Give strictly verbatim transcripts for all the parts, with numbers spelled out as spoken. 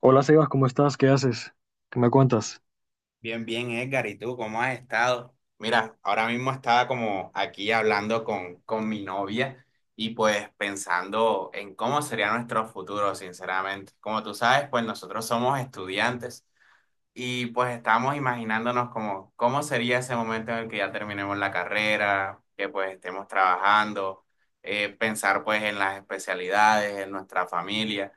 Hola Sebas, ¿cómo estás? ¿Qué haces? ¿Qué me cuentas? Bien, bien, Edgar, ¿y tú cómo has estado? Mira, ahora mismo estaba como aquí hablando con, con mi novia y pues pensando en cómo sería nuestro futuro, sinceramente. Como tú sabes, pues nosotros somos estudiantes y pues estamos imaginándonos como cómo sería ese momento en el que ya terminemos la carrera, que pues estemos trabajando, eh, pensar pues en las especialidades, en nuestra familia.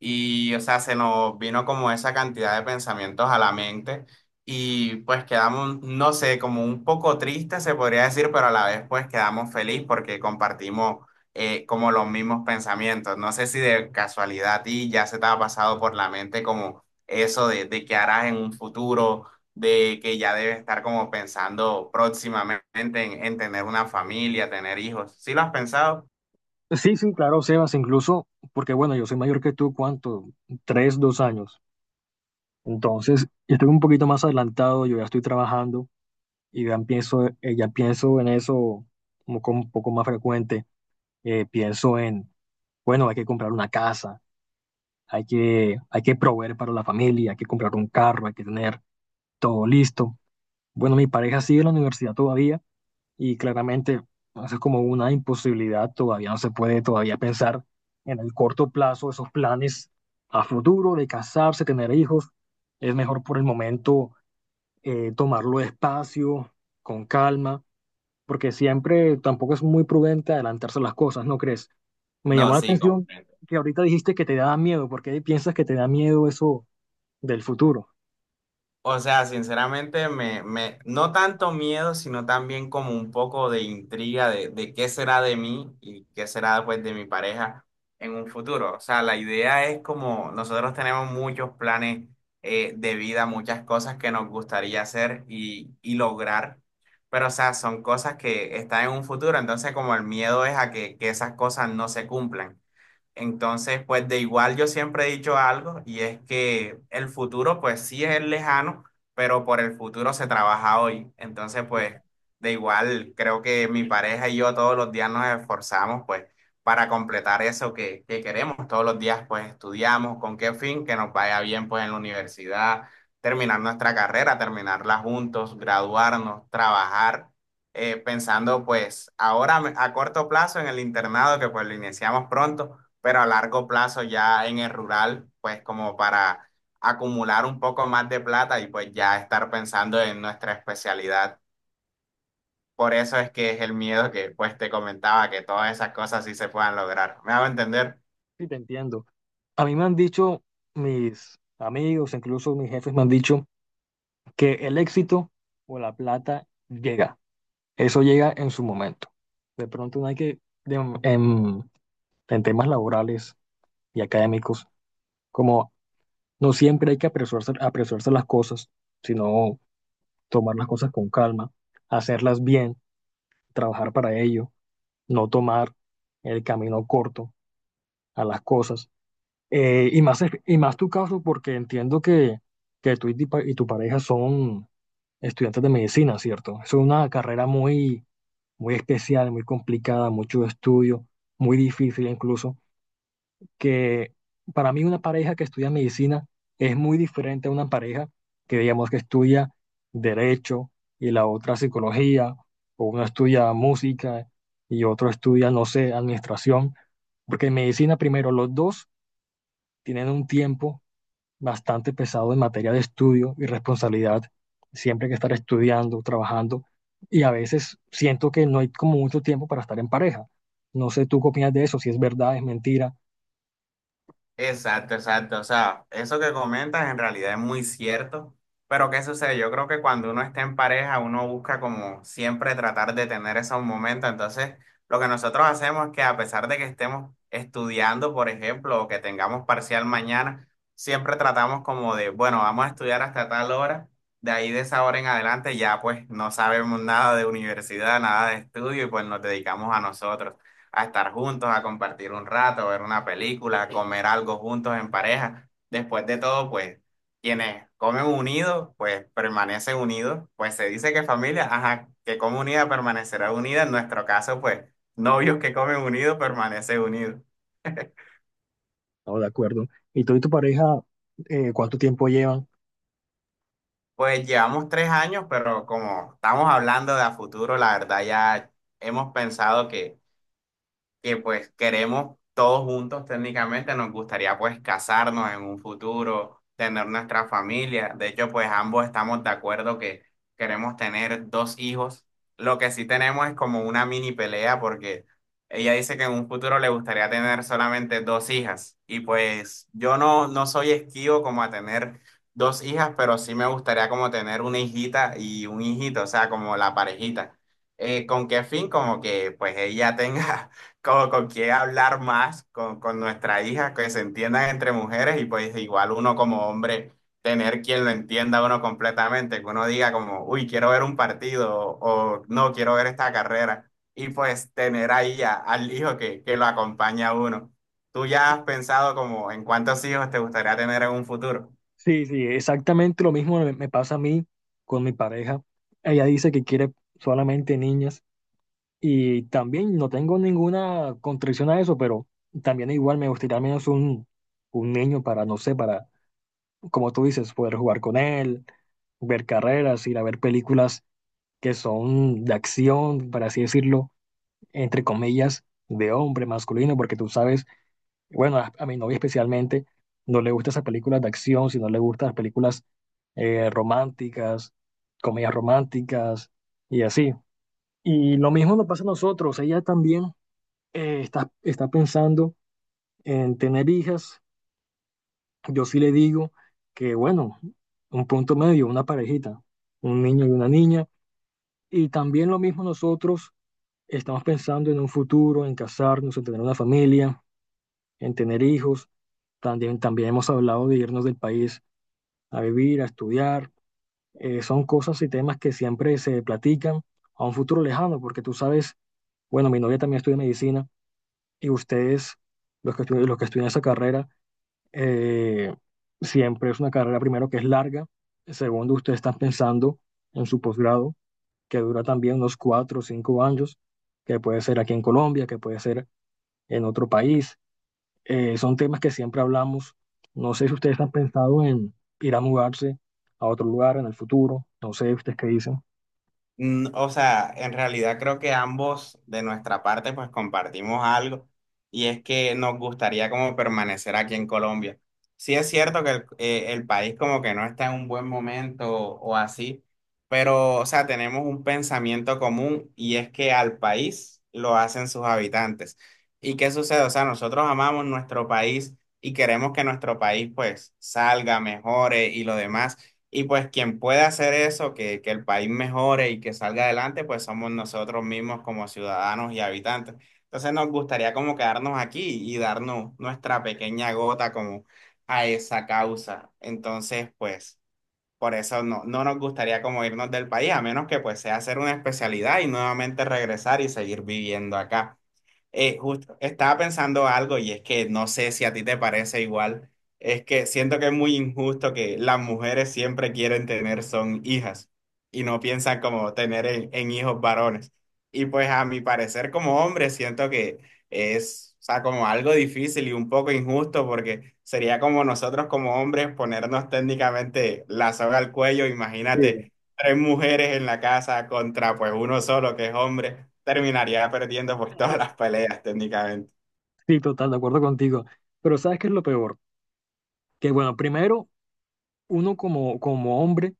Y, o sea, se nos vino como esa cantidad de pensamientos a la mente y pues quedamos, no sé, como un poco tristes se podría decir, pero a la vez pues quedamos feliz porque compartimos eh, como los mismos pensamientos. No sé si de casualidad a ti ya se te ha pasado por la mente como eso de, de qué harás en un futuro, de que ya debes estar como pensando próximamente en, en tener una familia, tener hijos. ¿Sí lo has pensado? Sí, sí, claro, Sebas, incluso, porque bueno, yo soy mayor que tú, ¿cuánto? Tres, dos años. Entonces, yo estoy un poquito más adelantado, yo ya estoy trabajando y ya pienso, eh, ya pienso en eso como con un poco más frecuente. Eh, pienso en, bueno, hay que comprar una casa, hay que, hay que proveer para la familia, hay que comprar un carro, hay que tener todo listo. Bueno, mi pareja sigue en la universidad todavía y claramente eso es como una imposibilidad, todavía no se puede todavía pensar en el corto plazo esos planes a futuro de casarse, tener hijos. Es mejor por el momento eh, tomarlo despacio, con calma, porque siempre tampoco es muy prudente adelantarse las cosas, ¿no crees? Me llamó No, la sí, atención comprendo. que ahorita dijiste que te da miedo. ¿Por qué piensas que te da miedo eso del futuro? O sea, sinceramente, me, me, no tanto miedo, sino también como un poco de intriga de, de qué será de mí y qué será pues de mi pareja en un futuro. O sea, la idea es como nosotros tenemos muchos planes eh, de vida, muchas cosas que nos gustaría hacer y, y lograr, pero o sea, son cosas que están en un futuro, entonces como el miedo es a que, que esas cosas no se cumplan. Entonces, pues de igual yo siempre he dicho algo y es que el futuro pues sí es lejano, pero por el futuro se trabaja hoy. Entonces, Sí, pues claro. de igual creo que mi pareja y yo todos los días nos esforzamos pues para completar eso que, que queremos. Todos los días pues estudiamos con qué fin, que nos vaya bien pues en la universidad, terminar nuestra carrera, terminarla juntos, graduarnos, trabajar eh, pensando pues ahora a corto plazo en el internado que pues lo iniciamos pronto pero a largo plazo ya en el rural, pues como para acumular un poco más de plata y pues ya estar pensando en nuestra especialidad. Por eso es que es el miedo que pues te comentaba, que todas esas cosas sí se puedan lograr. ¿Me hago entender? Sí, te entiendo. A mí me han dicho mis amigos, incluso mis jefes me han dicho que el éxito o la plata llega. Eso llega en su momento. De pronto no hay que, de- en, en temas laborales y académicos, como no siempre hay que apresurarse, apresurarse las cosas, sino tomar las cosas con calma, hacerlas bien, trabajar para ello, no tomar el camino corto a las cosas. Eh, y más, y más tu caso, porque entiendo que, que tú y tu, pa- y tu pareja son estudiantes de medicina, ¿cierto? Es una carrera muy muy especial, muy complicada, mucho estudio, muy difícil incluso, que para mí una pareja que estudia medicina es muy diferente a una pareja que digamos que estudia derecho y la otra psicología, o uno estudia música y otro estudia, no sé, administración, porque en medicina primero los dos tienen un tiempo bastante pesado en materia de estudio y responsabilidad. Siempre hay que estar estudiando, trabajando y a veces siento que no hay como mucho tiempo para estar en pareja. No sé tú qué opinas de eso, si es verdad, es mentira. Exacto, exacto. O sea, eso que comentas en realidad es muy cierto, pero ¿qué sucede? Yo creo que cuando uno está en pareja, uno busca como siempre tratar de tener esos momentos. Entonces, lo que nosotros hacemos es que a pesar de que estemos estudiando, por ejemplo, o que tengamos parcial mañana, siempre tratamos como de, bueno, vamos a estudiar hasta tal hora, de ahí de esa hora en adelante ya pues no sabemos nada de universidad, nada de estudio y pues nos dedicamos a nosotros a estar juntos, a compartir un rato, ver una película, a comer algo juntos en pareja. Después de todo, pues quienes comen unidos, pues permanecen unidos. Pues se dice que familia, ajá, que come unida permanecerá unida. En nuestro caso, pues novios que comen unidos permanecen unidos. No, de acuerdo. ¿Y tú y tu pareja eh, cuánto tiempo llevan? Pues llevamos tres años, pero como estamos hablando de a futuro, la verdad ya hemos pensado que que pues queremos todos juntos técnicamente, nos gustaría pues casarnos en un futuro, tener nuestra familia. De hecho, pues ambos estamos de acuerdo que queremos tener dos hijos. Lo que sí tenemos es como una mini pelea porque ella dice que en un futuro le gustaría tener solamente dos hijas. Y pues yo no, no soy esquivo como a tener dos hijas, pero sí me gustaría como tener una hijita y un hijito, o sea, como la parejita. Eh, ¿con qué fin? Como que pues ella tenga como con qué hablar más con, con nuestra hija, que se entiendan entre mujeres y pues igual uno como hombre, tener quien lo entienda a uno completamente, que uno diga como, uy, quiero ver un partido o no, quiero ver esta carrera y pues tener ahí a- al hijo que, que lo acompaña a uno. ¿Tú ya has pensado como en cuántos hijos te gustaría tener en un futuro? Sí, sí, exactamente lo mismo me me pasa a mí con mi pareja. Ella dice que quiere solamente niñas y también no tengo ninguna contradicción a eso, pero también igual me gustaría al menos un, un niño para, no sé, para como tú dices, poder jugar con él, ver carreras, ir a ver películas que son de acción, para así decirlo, entre comillas, de hombre masculino, porque tú sabes, bueno, a, a mi novia especialmente no le gustan esas películas de acción, sino le gustan las películas eh, románticas, comedias románticas y así. Y lo mismo nos pasa a nosotros, ella también eh, está, está pensando en tener hijas. Yo sí le digo que, bueno, un punto medio, una parejita, un niño y una niña. Y también lo mismo nosotros estamos pensando en un futuro, en casarnos, en tener una familia, en tener hijos. También, también hemos hablado de irnos del país a vivir, a estudiar. Eh, son cosas y temas que siempre se platican a un futuro lejano, porque tú sabes, bueno, mi novia también estudia medicina y ustedes, los que estudian, los que estudian esa carrera, eh, siempre es una carrera, primero, que es larga. Segundo, ustedes están pensando en su posgrado, que dura también unos cuatro o cinco años, que puede ser aquí en Colombia, que puede ser en otro país. Eh, son temas que siempre hablamos. No sé si ustedes han pensado en ir a mudarse a otro lugar en el futuro. No sé ustedes qué dicen. Mm, O sea, en realidad creo que ambos de nuestra parte pues compartimos algo y es que nos gustaría como permanecer aquí en Colombia. Sí es cierto que el, eh, el país como que no está en un buen momento o, o así, pero o sea, tenemos un pensamiento común y es que al país lo hacen sus habitantes. ¿Y qué sucede? O sea, nosotros amamos nuestro país y queremos que nuestro país pues salga, mejore y lo demás. Y pues quien puede hacer eso, que, que el país mejore y que salga adelante, pues somos nosotros mismos como ciudadanos y habitantes. Entonces nos gustaría como quedarnos aquí y darnos nuestra pequeña gota como a esa causa. Entonces, pues por eso no, no nos gustaría como irnos del país, a menos que pues sea hacer una especialidad y nuevamente regresar y seguir viviendo acá. Eh, justo, estaba pensando algo y es que no sé si a ti te parece igual. Es que siento que es muy injusto que las mujeres siempre quieren tener son hijas y no piensan como tener en, en hijos varones. Y pues a mi parecer como hombre siento que es, o sea, como algo difícil y un poco injusto porque sería como nosotros como hombres ponernos técnicamente la soga al cuello. Sí, Imagínate tres mujeres en la casa contra pues uno solo que es hombre, terminaría perdiendo pues todas las peleas técnicamente. Sí, total, de acuerdo contigo. Pero ¿sabes qué es lo peor? Que bueno, primero, uno como, como hombre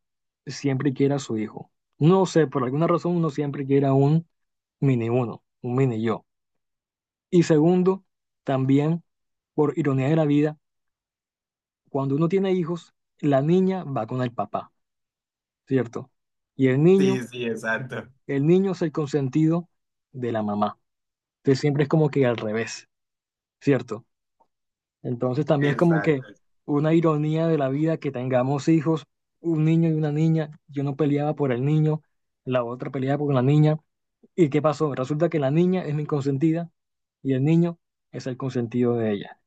siempre quiere a su hijo. No sé, por alguna razón uno siempre quiere a un mini uno, un mini yo. Y segundo, también, por ironía de la vida, cuando uno tiene hijos, la niña va con el papá, ¿cierto? Y el niño, Sí, sí, exacto. el niño es el consentido de la mamá. Entonces siempre es como que al revés, ¿cierto? Entonces también es como que Exacto. una ironía de la vida que tengamos hijos, un niño y una niña. Yo no peleaba por el niño, la otra peleaba por la niña. ¿Y qué pasó? Resulta que la niña es mi consentida y el niño es el consentido de ella.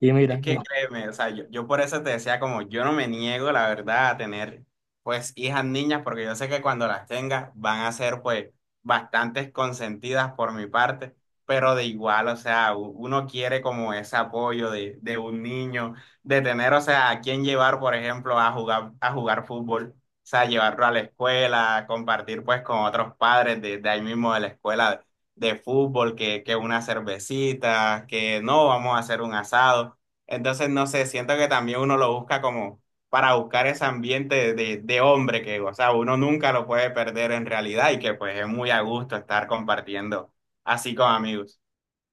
Y Es mira, y que no- créeme, o sea, yo, yo por eso te decía como yo no me niego, la verdad, a tener pues hijas niñas, porque yo sé que cuando las tenga van a ser pues bastantes consentidas por mi parte, pero de igual, o sea, u- uno quiere como ese apoyo de, de un niño, de tener, o sea, a quién llevar, por ejemplo, a jugar, a jugar, fútbol, o sea, llevarlo a la escuela, compartir pues con otros padres de, de ahí mismo de la escuela de, de fútbol, que, que una cervecita, que no, vamos a hacer un asado. Entonces, no sé, siento que también uno lo busca como para buscar ese ambiente de, de- hombre que, o sea, uno nunca lo puede perder en realidad y que pues es muy a gusto estar compartiendo así con amigos.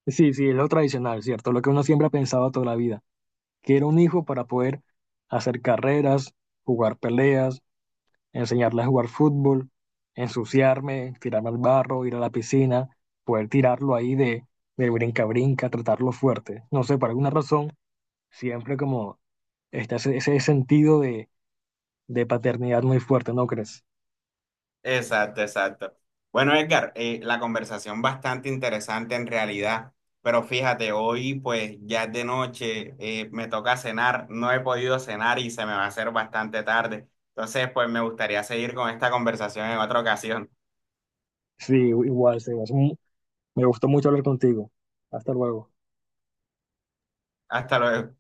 sí, sí, es lo tradicional, ¿cierto? Lo que uno siempre ha pensado toda la vida, que era un hijo para poder hacer carreras, jugar peleas, enseñarle a jugar fútbol, ensuciarme, tirarme al barro, ir a la piscina, poder tirarlo ahí de, de brinca-brinca, tratarlo fuerte. No sé, por alguna razón, siempre como está ese, ese sentido de, de paternidad muy fuerte, ¿no crees? Exacto, exacto. Bueno, Edgar, eh, la conversación bastante interesante en realidad, pero fíjate, hoy pues ya es de noche, eh, me toca cenar, no he podido cenar y se me va a hacer bastante tarde. Entonces, pues me gustaría seguir con esta conversación en otra ocasión. Sí, igual, Sebas. Mm, Me gustó mucho hablar contigo. Hasta luego. Hasta luego.